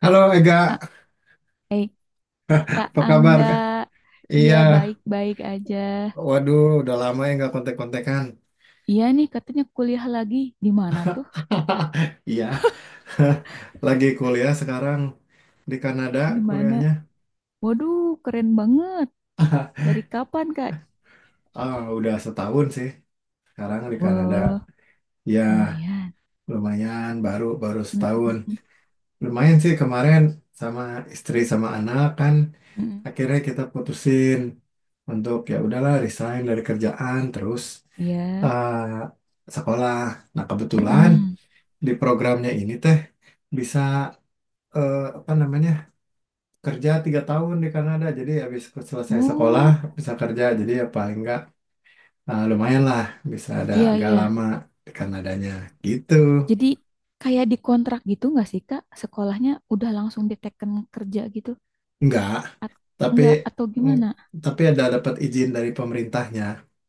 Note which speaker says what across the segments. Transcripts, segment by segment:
Speaker 1: Halo Ega,
Speaker 2: Ah, eh, Kak
Speaker 1: apa kabar
Speaker 2: Angga,
Speaker 1: Kak?
Speaker 2: iya
Speaker 1: Iya,
Speaker 2: baik-baik aja.
Speaker 1: waduh udah lama ya nggak kontek-kontekan.
Speaker 2: Iya nih katanya kuliah lagi. Di mana tuh?
Speaker 1: Iya, lagi kuliah sekarang di Kanada
Speaker 2: Di mana?
Speaker 1: kuliahnya.
Speaker 2: Waduh, keren banget. Dari kapan, Kak?
Speaker 1: Ah, udah setahun sih sekarang di Kanada.
Speaker 2: Wah,
Speaker 1: Ya,
Speaker 2: lumayan.
Speaker 1: lumayan baru baru setahun.
Speaker 2: Mm-mm,
Speaker 1: Lumayan sih kemarin sama istri sama anak kan
Speaker 2: mm-mm.
Speaker 1: akhirnya kita putusin untuk ya udahlah resign dari kerjaan terus
Speaker 2: Iya.
Speaker 1: eh, sekolah. Nah, kebetulan
Speaker 2: Mm-mm.
Speaker 1: di programnya ini teh bisa, apa namanya, kerja 3 tahun di Kanada, jadi habis selesai sekolah
Speaker 2: Oh,
Speaker 1: bisa kerja. Jadi ya paling nggak, lumayan lah bisa ada
Speaker 2: iya
Speaker 1: agak
Speaker 2: iya.
Speaker 1: lama di Kanadanya gitu.
Speaker 2: Jadi kayak dikontrak gitu nggak sih, Kak? Sekolahnya udah langsung diteken kerja gitu?
Speaker 1: Nggak,
Speaker 2: At
Speaker 1: tapi
Speaker 2: enggak atau
Speaker 1: mm,
Speaker 2: gimana?
Speaker 1: tapi ada dapat izin dari pemerintahnya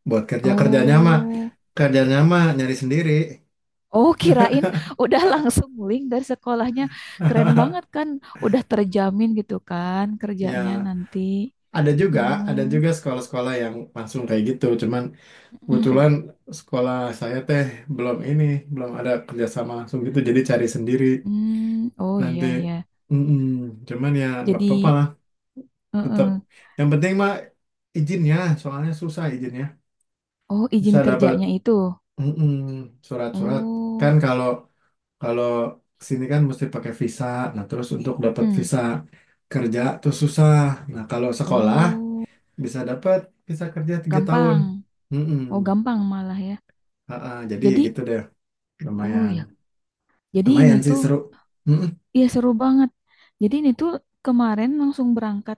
Speaker 1: buat kerja. Kerjanya mah,
Speaker 2: Oh.
Speaker 1: nyari sendiri.
Speaker 2: Oh, kirain udah langsung link dari sekolahnya. Keren banget kan, udah terjamin gitu kan kerjanya
Speaker 1: Ya,
Speaker 2: nanti.
Speaker 1: ada juga,
Speaker 2: Hmm.
Speaker 1: sekolah-sekolah yang langsung kayak gitu, cuman
Speaker 2: Mm-mm.
Speaker 1: kebetulan sekolah saya teh, belum ini, belum ada kerjasama langsung gitu, jadi cari sendiri
Speaker 2: Hmm. Oh
Speaker 1: nanti.
Speaker 2: iya iya.
Speaker 1: Mm-mm. Cuman ya nggak apa-apa
Speaker 2: Jadi,
Speaker 1: lah, tetap.
Speaker 2: eh-eh.
Speaker 1: Yang penting mah izinnya, soalnya susah izinnya.
Speaker 2: Oh
Speaker 1: Bisa
Speaker 2: izin
Speaker 1: dapat,
Speaker 2: kerjanya itu.
Speaker 1: mm-mm, surat-surat. Kan
Speaker 2: Oh,
Speaker 1: kalau, kalau sini kan mesti pakai visa. Nah terus untuk dapat
Speaker 2: hmm.
Speaker 1: visa kerja tuh susah. Nah kalau sekolah
Speaker 2: Oh,
Speaker 1: bisa dapat visa kerja 3 tahun.
Speaker 2: gampang.
Speaker 1: Mm-mm.
Speaker 2: Oh gampang malah ya.
Speaker 1: Jadi
Speaker 2: Jadi,
Speaker 1: gitu deh,
Speaker 2: oh
Speaker 1: lumayan.
Speaker 2: ya. Jadi ini
Speaker 1: Lumayan sih
Speaker 2: tuh,
Speaker 1: seru. Mm-mm.
Speaker 2: ya seru banget. Jadi ini tuh kemarin langsung berangkat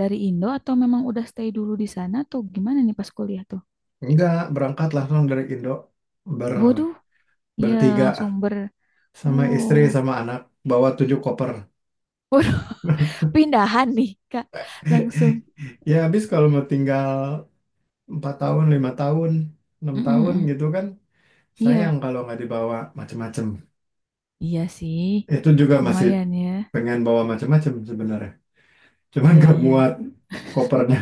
Speaker 2: dari Indo atau memang udah stay dulu di sana atau gimana nih pas kuliah tuh?
Speaker 1: Enggak, berangkat langsung dari Indo. Ber,
Speaker 2: Waduh, ya
Speaker 1: Bertiga.
Speaker 2: langsung ber,
Speaker 1: Sama
Speaker 2: oh,
Speaker 1: istri, sama anak. Bawa tujuh koper.
Speaker 2: waduh, pindahan nih Kak, langsung.
Speaker 1: Ya, habis kalau mau tinggal 4 tahun, 5 tahun, 6 tahun
Speaker 2: Mm-mm-mm.
Speaker 1: gitu kan. Sayang
Speaker 2: Iya,
Speaker 1: kalau nggak dibawa macem-macem.
Speaker 2: iya sih,
Speaker 1: Itu juga masih
Speaker 2: lumayan ya.
Speaker 1: pengen bawa macem-macem sebenarnya. Cuman
Speaker 2: Iya
Speaker 1: nggak muat
Speaker 2: iya.
Speaker 1: kopernya.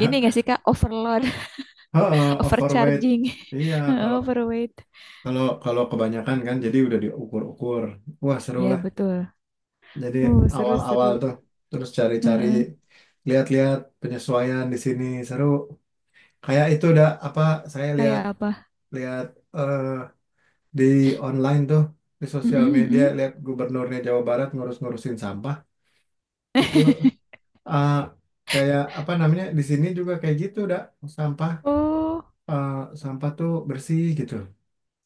Speaker 2: Ini nggak sih Kak overload,
Speaker 1: Heeh, overweight.
Speaker 2: overcharging,
Speaker 1: Iya, kalau
Speaker 2: overweight.
Speaker 1: kalau kalau kebanyakan kan jadi udah diukur-ukur. Wah, seru.
Speaker 2: Iya betul.
Speaker 1: Jadi
Speaker 2: Oh seru
Speaker 1: awal-awal
Speaker 2: seru.
Speaker 1: tuh terus cari-cari,
Speaker 2: Heeh.
Speaker 1: lihat-lihat penyesuaian di sini seru. Kayak itu udah apa, saya
Speaker 2: Kayak apa?
Speaker 1: lihat-lihat, eh, di online tuh, di sosial media,
Speaker 2: Mm-mm-mm.
Speaker 1: lihat gubernurnya Jawa Barat ngurus-ngurusin sampah itu. eh, Kayak apa namanya, di sini juga kayak gitu, udah sampah,
Speaker 2: Oh,
Speaker 1: eh, sampah tuh bersih gitu.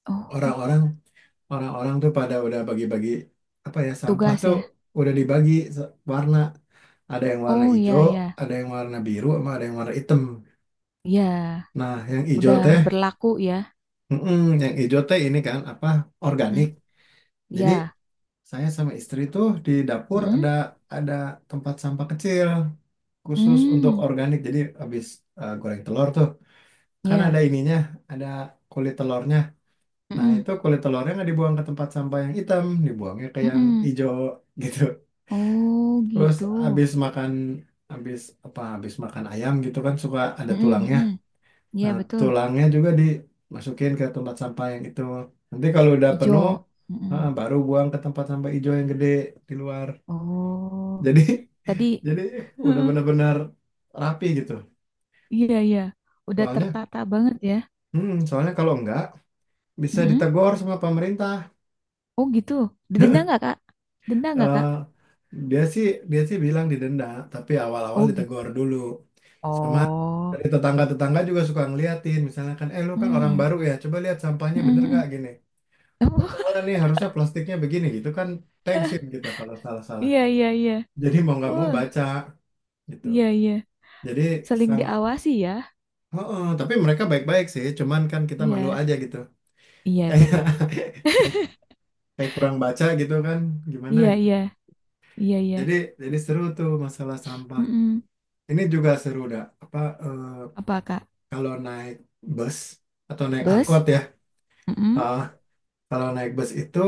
Speaker 2: oh
Speaker 1: Orang-orang, tuh pada udah bagi-bagi, apa ya, sampah
Speaker 2: tugas
Speaker 1: tuh
Speaker 2: ya.
Speaker 1: udah dibagi warna. Ada yang warna
Speaker 2: Oh
Speaker 1: hijau,
Speaker 2: iya iya
Speaker 1: ada yang warna biru, sama ada yang warna hitam.
Speaker 2: iya.
Speaker 1: Nah yang hijau
Speaker 2: Udah
Speaker 1: teh,
Speaker 2: berlaku ya.
Speaker 1: ini kan apa, organik.
Speaker 2: Mm,
Speaker 1: Jadi
Speaker 2: ya.
Speaker 1: saya sama istri tuh di dapur ada,
Speaker 2: Mm-mm.
Speaker 1: ada tempat sampah kecil khusus untuk
Speaker 2: Mm,
Speaker 1: organik. Jadi habis, goreng telur tuh kan ada
Speaker 2: ya.
Speaker 1: ininya, ada kulit telurnya. Nah
Speaker 2: Mm-mm.
Speaker 1: itu kulit telurnya nggak dibuang ke tempat sampah yang hitam, dibuangnya ke yang
Speaker 2: Mm-mm.
Speaker 1: hijau. Gitu.
Speaker 2: Oh
Speaker 1: Terus
Speaker 2: gitu.
Speaker 1: abis makan, abis apa abis makan ayam gitu kan suka ada
Speaker 2: Mm-mm,
Speaker 1: tulangnya.
Speaker 2: mm-mm. Iya
Speaker 1: Nah,
Speaker 2: betul.
Speaker 1: tulangnya juga dimasukin ke tempat sampah yang itu. Nanti kalau udah
Speaker 2: Ijo.
Speaker 1: penuh,
Speaker 2: Mm-mm.
Speaker 1: baru buang ke tempat sampah hijau yang gede di luar.
Speaker 2: Oh
Speaker 1: Jadi
Speaker 2: tadi.
Speaker 1: jadi udah
Speaker 2: Heeh.
Speaker 1: benar-benar rapi gitu.
Speaker 2: Iya iya. Udah
Speaker 1: Soalnya,
Speaker 2: tertata banget ya.
Speaker 1: hmm, soalnya kalau enggak bisa
Speaker 2: Mm-mm.
Speaker 1: ditegur sama pemerintah.
Speaker 2: Oh gitu. Didenda nggak kak? Denda nggak
Speaker 1: Eh,
Speaker 2: kak?
Speaker 1: dia sih, dia sih bilang didenda, tapi awal-awal
Speaker 2: Oh gitu.
Speaker 1: ditegur dulu. Sama
Speaker 2: Oh.
Speaker 1: dari tetangga-tetangga juga suka ngeliatin, misalnya kan, "Eh lu kan orang
Speaker 2: Mm-mm.
Speaker 1: baru ya, coba lihat sampahnya bener
Speaker 2: Mm-mm,
Speaker 1: gak
Speaker 2: mm-mm.
Speaker 1: gini, oh,
Speaker 2: Oh,
Speaker 1: salah nih, harusnya plastiknya begini," gitu kan. Thanksin kita kalau salah-salah,
Speaker 2: iya iya iya.
Speaker 1: jadi mau nggak mau
Speaker 2: Oh
Speaker 1: baca gitu.
Speaker 2: iya iya.
Speaker 1: Jadi
Speaker 2: Saling
Speaker 1: sang
Speaker 2: diawasi ya.
Speaker 1: oh, tapi mereka baik-baik sih, cuman kan kita malu
Speaker 2: Iya
Speaker 1: aja gitu.
Speaker 2: iya
Speaker 1: kayak
Speaker 2: bener.
Speaker 1: kayak kurang baca gitu kan, gimana
Speaker 2: Iya
Speaker 1: gitu.
Speaker 2: iya iya iya.
Speaker 1: Jadi jadi seru tuh masalah sampah.
Speaker 2: Mm-mm.
Speaker 1: Ini juga seru dah apa, eh,
Speaker 2: Apa kak?
Speaker 1: kalau naik bus atau naik angkot
Speaker 2: Bus?
Speaker 1: ya,
Speaker 2: Mm-mm.
Speaker 1: eh, kalau naik bus itu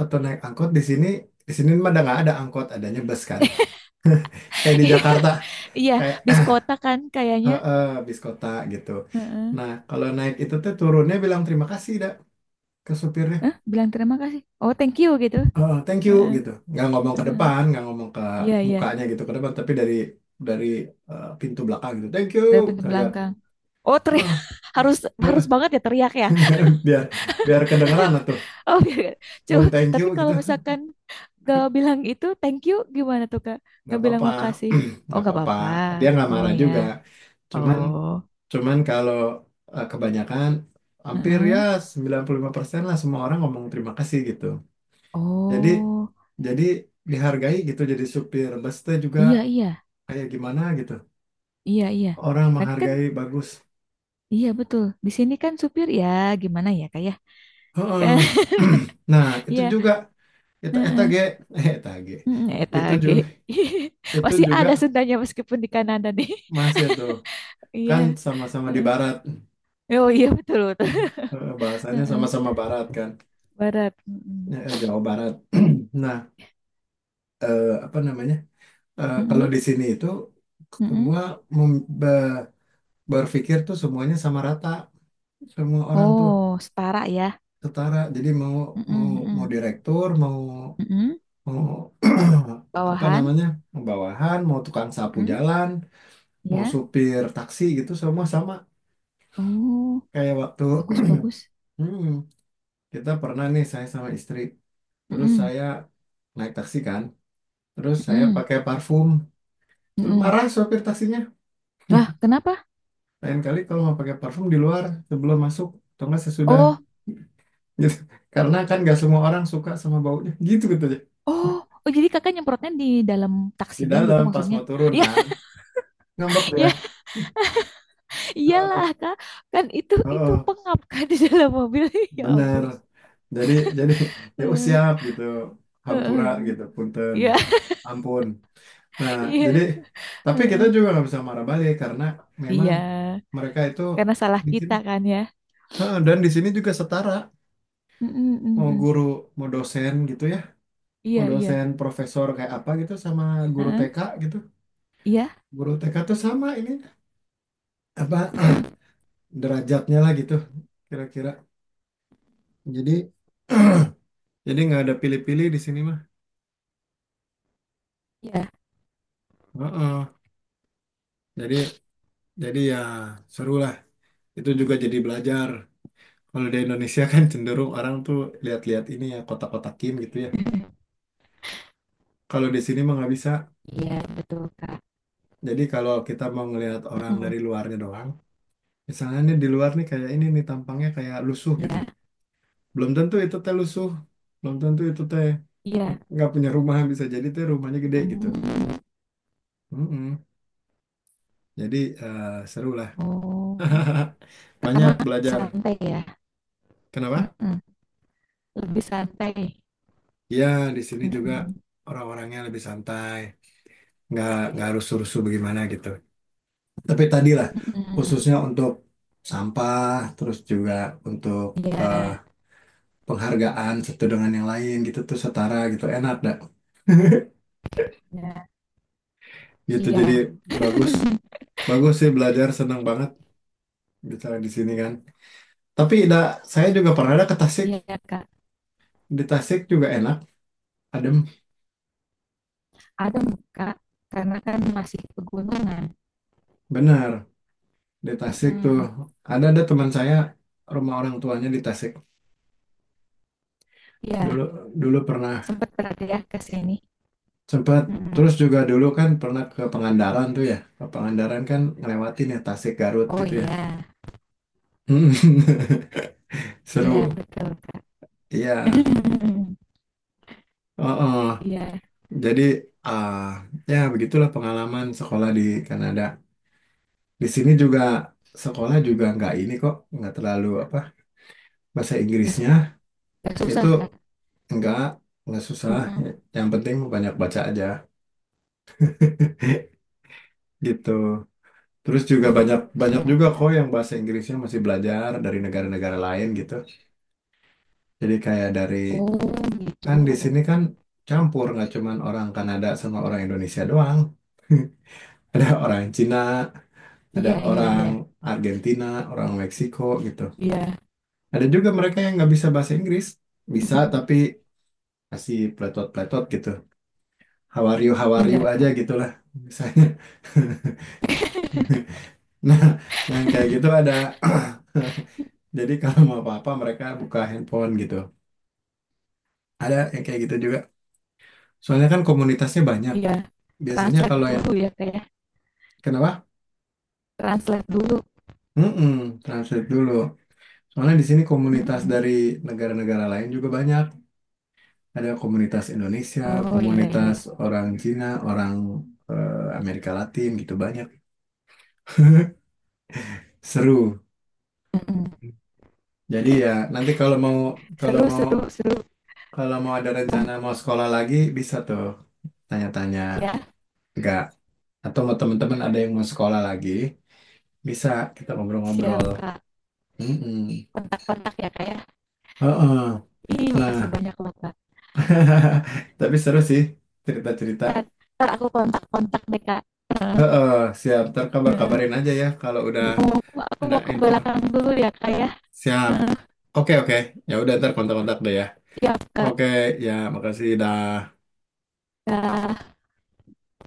Speaker 1: atau naik angkot di sini, mah ada, nggak ada angkot, adanya bus kan. Kayak di Jakarta,
Speaker 2: Iya,
Speaker 1: kayak
Speaker 2: bis kota kan kayaknya.
Speaker 1: heeh, bis kota gitu.
Speaker 2: Heeh.
Speaker 1: Nah, kalau naik itu tuh turunnya bilang terima kasih dah ke supirnya.
Speaker 2: Bilang terima kasih. Oh, thank you gitu.
Speaker 1: Heeh, thank you
Speaker 2: Heeh,
Speaker 1: gitu. Nggak ngomong ke
Speaker 2: heeh.
Speaker 1: depan, nggak ngomong ke
Speaker 2: Iya, iya.
Speaker 1: mukanya gitu ke depan, tapi dari, dari pintu belakang gitu. Thank you,
Speaker 2: Dari pintu
Speaker 1: teriak.
Speaker 2: belakang. Oh, teriak.
Speaker 1: Heeh,
Speaker 2: Harus harus banget ya teriak ya.
Speaker 1: biar biar kedengeran lah tuh.
Speaker 2: Oh, biar- coba.
Speaker 1: Mun thank
Speaker 2: Tapi
Speaker 1: you
Speaker 2: kalau
Speaker 1: gitu
Speaker 2: misalkan gak bilang itu thank you gimana tuh, Kak?
Speaker 1: nggak
Speaker 2: Gak bilang
Speaker 1: apa-apa,
Speaker 2: makasih. Oh,
Speaker 1: nggak
Speaker 2: gak
Speaker 1: apa-apa,
Speaker 2: apa-apa.
Speaker 1: dia nggak
Speaker 2: Oh
Speaker 1: marah
Speaker 2: ya.
Speaker 1: juga. Cuman,
Speaker 2: Oh.
Speaker 1: kalau, kebanyakan, hampir ya
Speaker 2: Heeh.
Speaker 1: 95% lah, semua orang ngomong terima kasih gitu. jadi
Speaker 2: Oh.
Speaker 1: jadi dihargai gitu. Jadi supir bus teh juga
Speaker 2: Iya, iya.
Speaker 1: kayak gimana gitu,
Speaker 2: Iya, iya.
Speaker 1: orang
Speaker 2: Nah, kan
Speaker 1: menghargai bagus.
Speaker 2: iya betul. Di sini kan supir ya gimana ya, Kak ya?
Speaker 1: Heeh. Nah itu
Speaker 2: Iya.
Speaker 1: juga, eta eta
Speaker 2: Heeh.
Speaker 1: ge eta ge,
Speaker 2: Mm, Eta
Speaker 1: itu
Speaker 2: G.
Speaker 1: juga itu
Speaker 2: Masih
Speaker 1: juga
Speaker 2: ada Sundanya meskipun di Kanada nih.
Speaker 1: masih tuh, kan
Speaker 2: Iya.
Speaker 1: sama-sama di
Speaker 2: Heeh.
Speaker 1: barat.
Speaker 2: Oh iya betul betul.
Speaker 1: Bahasanya
Speaker 2: Heeh.
Speaker 1: sama-sama barat kan,
Speaker 2: Barat. Mm-mm.
Speaker 1: Jawa Barat. Nah, apa namanya? Kalau
Speaker 2: Mm-mm.
Speaker 1: di sini itu
Speaker 2: Mm-mm.
Speaker 1: semua mem- be- berpikir tuh semuanya sama rata. Semua orang tuh
Speaker 2: Oh setara ya.
Speaker 1: setara. Jadi mau,
Speaker 2: Mm-mm.
Speaker 1: mau mau
Speaker 2: Mm-mm.
Speaker 1: direktur, mau,
Speaker 2: Mm-mm.
Speaker 1: mau apa
Speaker 2: Bawahan.
Speaker 1: namanya, mau bawahan, mau tukang sapu
Speaker 2: Mm-mm.
Speaker 1: jalan, mau
Speaker 2: Ya.
Speaker 1: supir taksi gitu, semua sama.
Speaker 2: Oh
Speaker 1: Kayak waktu
Speaker 2: bagus bagus.
Speaker 1: hmm, kita pernah nih, saya sama istri, terus
Speaker 2: Mm-mm.
Speaker 1: saya naik taksi kan, terus saya
Speaker 2: Mm-mm.
Speaker 1: pakai parfum, terus
Speaker 2: Mm-mm.
Speaker 1: marah sopir taksinya.
Speaker 2: Wah kenapa?
Speaker 1: "Lain kali kalau mau pakai parfum di luar sebelum masuk atau enggak sesudah,"
Speaker 2: Oh
Speaker 1: gitu. Karena kan nggak semua orang suka sama baunya, gitu gitu aja.
Speaker 2: oh oh jadi kakak nyemprotnya di dalam
Speaker 1: Di
Speaker 2: taksinya gitu
Speaker 1: dalam pas
Speaker 2: maksudnya?
Speaker 1: mau turun
Speaker 2: Ya
Speaker 1: kan, ngambek ya.
Speaker 2: ya iyalah
Speaker 1: Eh,
Speaker 2: kak kan itu
Speaker 1: Oh,
Speaker 2: pengap kan di dalam mobil. Ya
Speaker 1: bener.
Speaker 2: ampun.
Speaker 1: Jadi jadi ya, oh,
Speaker 2: Heeh,
Speaker 1: siap gitu.
Speaker 2: heeh,
Speaker 1: Hampura
Speaker 2: heeh.
Speaker 1: gitu, punten.
Speaker 2: Iya,
Speaker 1: Ampun. Nah, jadi
Speaker 2: iya,
Speaker 1: tapi kita
Speaker 2: heeh.
Speaker 1: juga nggak bisa marah balik, karena memang
Speaker 2: Iya,
Speaker 1: mereka itu
Speaker 2: karena salah
Speaker 1: di sini.
Speaker 2: kita kan ya.
Speaker 1: Heeh, dan di sini juga setara.
Speaker 2: Mm-mm,
Speaker 1: Mau
Speaker 2: mm-mm.
Speaker 1: guru, mau dosen gitu ya, mau
Speaker 2: Iya, iya,
Speaker 1: dosen profesor kayak apa gitu, sama guru
Speaker 2: heeh,
Speaker 1: TK gitu,
Speaker 2: Iya,
Speaker 1: guru TK tuh sama ini, apa,
Speaker 2: mm,
Speaker 1: derajatnya lah gitu kira-kira. Jadi jadi nggak ada pilih-pilih di sini mah.
Speaker 2: iya,
Speaker 1: Heeh. jadi jadi ya, seru lah. Itu juga jadi belajar, kalau di Indonesia kan cenderung orang tuh lihat-lihat ini ya, kotak-kotakin gitu ya. Kalau di sini mah nggak bisa.
Speaker 2: iya, betul Kak.
Speaker 1: Jadi kalau kita mau ngelihat orang
Speaker 2: Mm-mm,
Speaker 1: dari luarnya doang, misalnya nih, di luar nih kayak ini nih tampangnya kayak lusuh gitu,
Speaker 2: Iya,
Speaker 1: belum tentu itu teh lusuh, belum tentu itu teh
Speaker 2: iya,
Speaker 1: nggak punya rumah, bisa jadi teh rumahnya gede gitu.
Speaker 2: Mm,
Speaker 1: Mm-mm. Jadi, seru lah,
Speaker 2: oh,
Speaker 1: banyak
Speaker 2: karena
Speaker 1: belajar
Speaker 2: santai ya,
Speaker 1: kenapa
Speaker 2: Mm-mm, lebih santai.
Speaker 1: ya. Di sini juga
Speaker 2: Mm-mm,
Speaker 1: orang-orangnya lebih santai, nggak rusuh-rusuh bagaimana gitu. Tapi tadi lah,
Speaker 2: mm-mm.
Speaker 1: khususnya untuk sampah, terus juga untuk, eh,
Speaker 2: Iya,
Speaker 1: penghargaan satu dengan yang lain gitu tuh setara gitu, enak dah
Speaker 2: iya,
Speaker 1: gitu. Jadi
Speaker 2: iya,
Speaker 1: bagus, bagus sih belajar, senang banget bisa di sini kan. Tapi da, saya juga pernah ada ke Tasik.
Speaker 2: iya Kak.
Speaker 1: Di Tasik juga enak, adem,
Speaker 2: Ada Kak, karena kan masih pegunungan.
Speaker 1: bener. Di Tasik tuh
Speaker 2: Mm-mm,
Speaker 1: ada, teman saya rumah orang tuanya di Tasik.
Speaker 2: Iya,
Speaker 1: Dulu, pernah
Speaker 2: sempat berarti ya ke sini.
Speaker 1: sempat, terus
Speaker 2: Mhm.
Speaker 1: juga dulu kan pernah ke Pangandaran tuh ya. Ke Pangandaran kan ngelewatin ya Tasik Garut
Speaker 2: Oh
Speaker 1: gitu ya.
Speaker 2: iya, iya
Speaker 1: Seru.
Speaker 2: betul Kak.
Speaker 1: Iya. Oh, oh.
Speaker 2: Iya,
Speaker 1: Jadi, ah, ya begitulah pengalaman sekolah di Kanada. Di sini juga sekolah juga nggak ini kok, nggak terlalu apa bahasa
Speaker 2: nggak su
Speaker 1: Inggrisnya.
Speaker 2: nggak susah
Speaker 1: Itu
Speaker 2: Kak.
Speaker 1: enggak, enggak susah.
Speaker 2: Mhm.
Speaker 1: Yang penting banyak baca aja, gitu. Terus juga
Speaker 2: Oh
Speaker 1: banyak banyak juga
Speaker 2: siap.
Speaker 1: kok yang bahasa Inggrisnya masih belajar dari negara-negara lain gitu. Jadi kayak,
Speaker 2: Oh gitu.
Speaker 1: kan di sini kan campur, nggak cuman orang Kanada sama orang Indonesia doang. Ada orang Cina, ada
Speaker 2: Iya iya
Speaker 1: orang
Speaker 2: iya,
Speaker 1: Argentina, orang Meksiko gitu.
Speaker 2: iya,
Speaker 1: Ada juga mereka yang nggak bisa bahasa Inggris, bisa
Speaker 2: mhm,
Speaker 1: tapi masih pletot-pletot gitu. "How are you, how are
Speaker 2: iya
Speaker 1: you" aja
Speaker 2: Kak,
Speaker 1: gitulah misalnya. Nah, yang kayak gitu ada. Jadi kalau mau apa-apa mereka buka handphone gitu. Ada yang kayak gitu juga. Soalnya kan komunitasnya banyak.
Speaker 2: iya.
Speaker 1: Biasanya
Speaker 2: Translate
Speaker 1: kalau yang,
Speaker 2: dulu ya Kak ya,
Speaker 1: kenapa?
Speaker 2: translate dulu,
Speaker 1: Mm-mm, translate dulu. Soalnya di sini komunitas
Speaker 2: mhm.
Speaker 1: dari negara-negara lain juga banyak. Ada komunitas Indonesia,
Speaker 2: Oh iya iya,
Speaker 1: komunitas orang Cina, orang, Amerika Latin gitu banyak. Seru.
Speaker 2: mhm.
Speaker 1: Jadi ya nanti kalau
Speaker 2: Seru
Speaker 1: mau
Speaker 2: seru seru,
Speaker 1: kalau mau ada
Speaker 2: mmm,
Speaker 1: rencana mau sekolah lagi bisa tuh tanya-tanya.
Speaker 2: ya
Speaker 1: Enggak, atau mau teman-teman ada yang mau sekolah lagi bisa kita
Speaker 2: siap
Speaker 1: ngobrol-ngobrol.
Speaker 2: Kak,
Speaker 1: Mm-mm.
Speaker 2: kontak-kontak ya Kak ya.
Speaker 1: Heeh.
Speaker 2: Ih makasih
Speaker 1: Nah,
Speaker 2: banyak loh Kak.
Speaker 1: tapi seru sih cerita-cerita.
Speaker 2: Entar entar aku kontak-kontak deh Kak.
Speaker 1: Heeh, siap ntar kabar-kabarin aja ya kalau udah
Speaker 2: Bu, aku
Speaker 1: ada
Speaker 2: mau ke
Speaker 1: info.
Speaker 2: belakang dulu ya, Kak ya.
Speaker 1: Siap. Oke oke, ya udah ntar kontak-kontak deh ya.
Speaker 2: Siap, Kak.
Speaker 1: Oke. Ya makasih dah.
Speaker 2: Ya.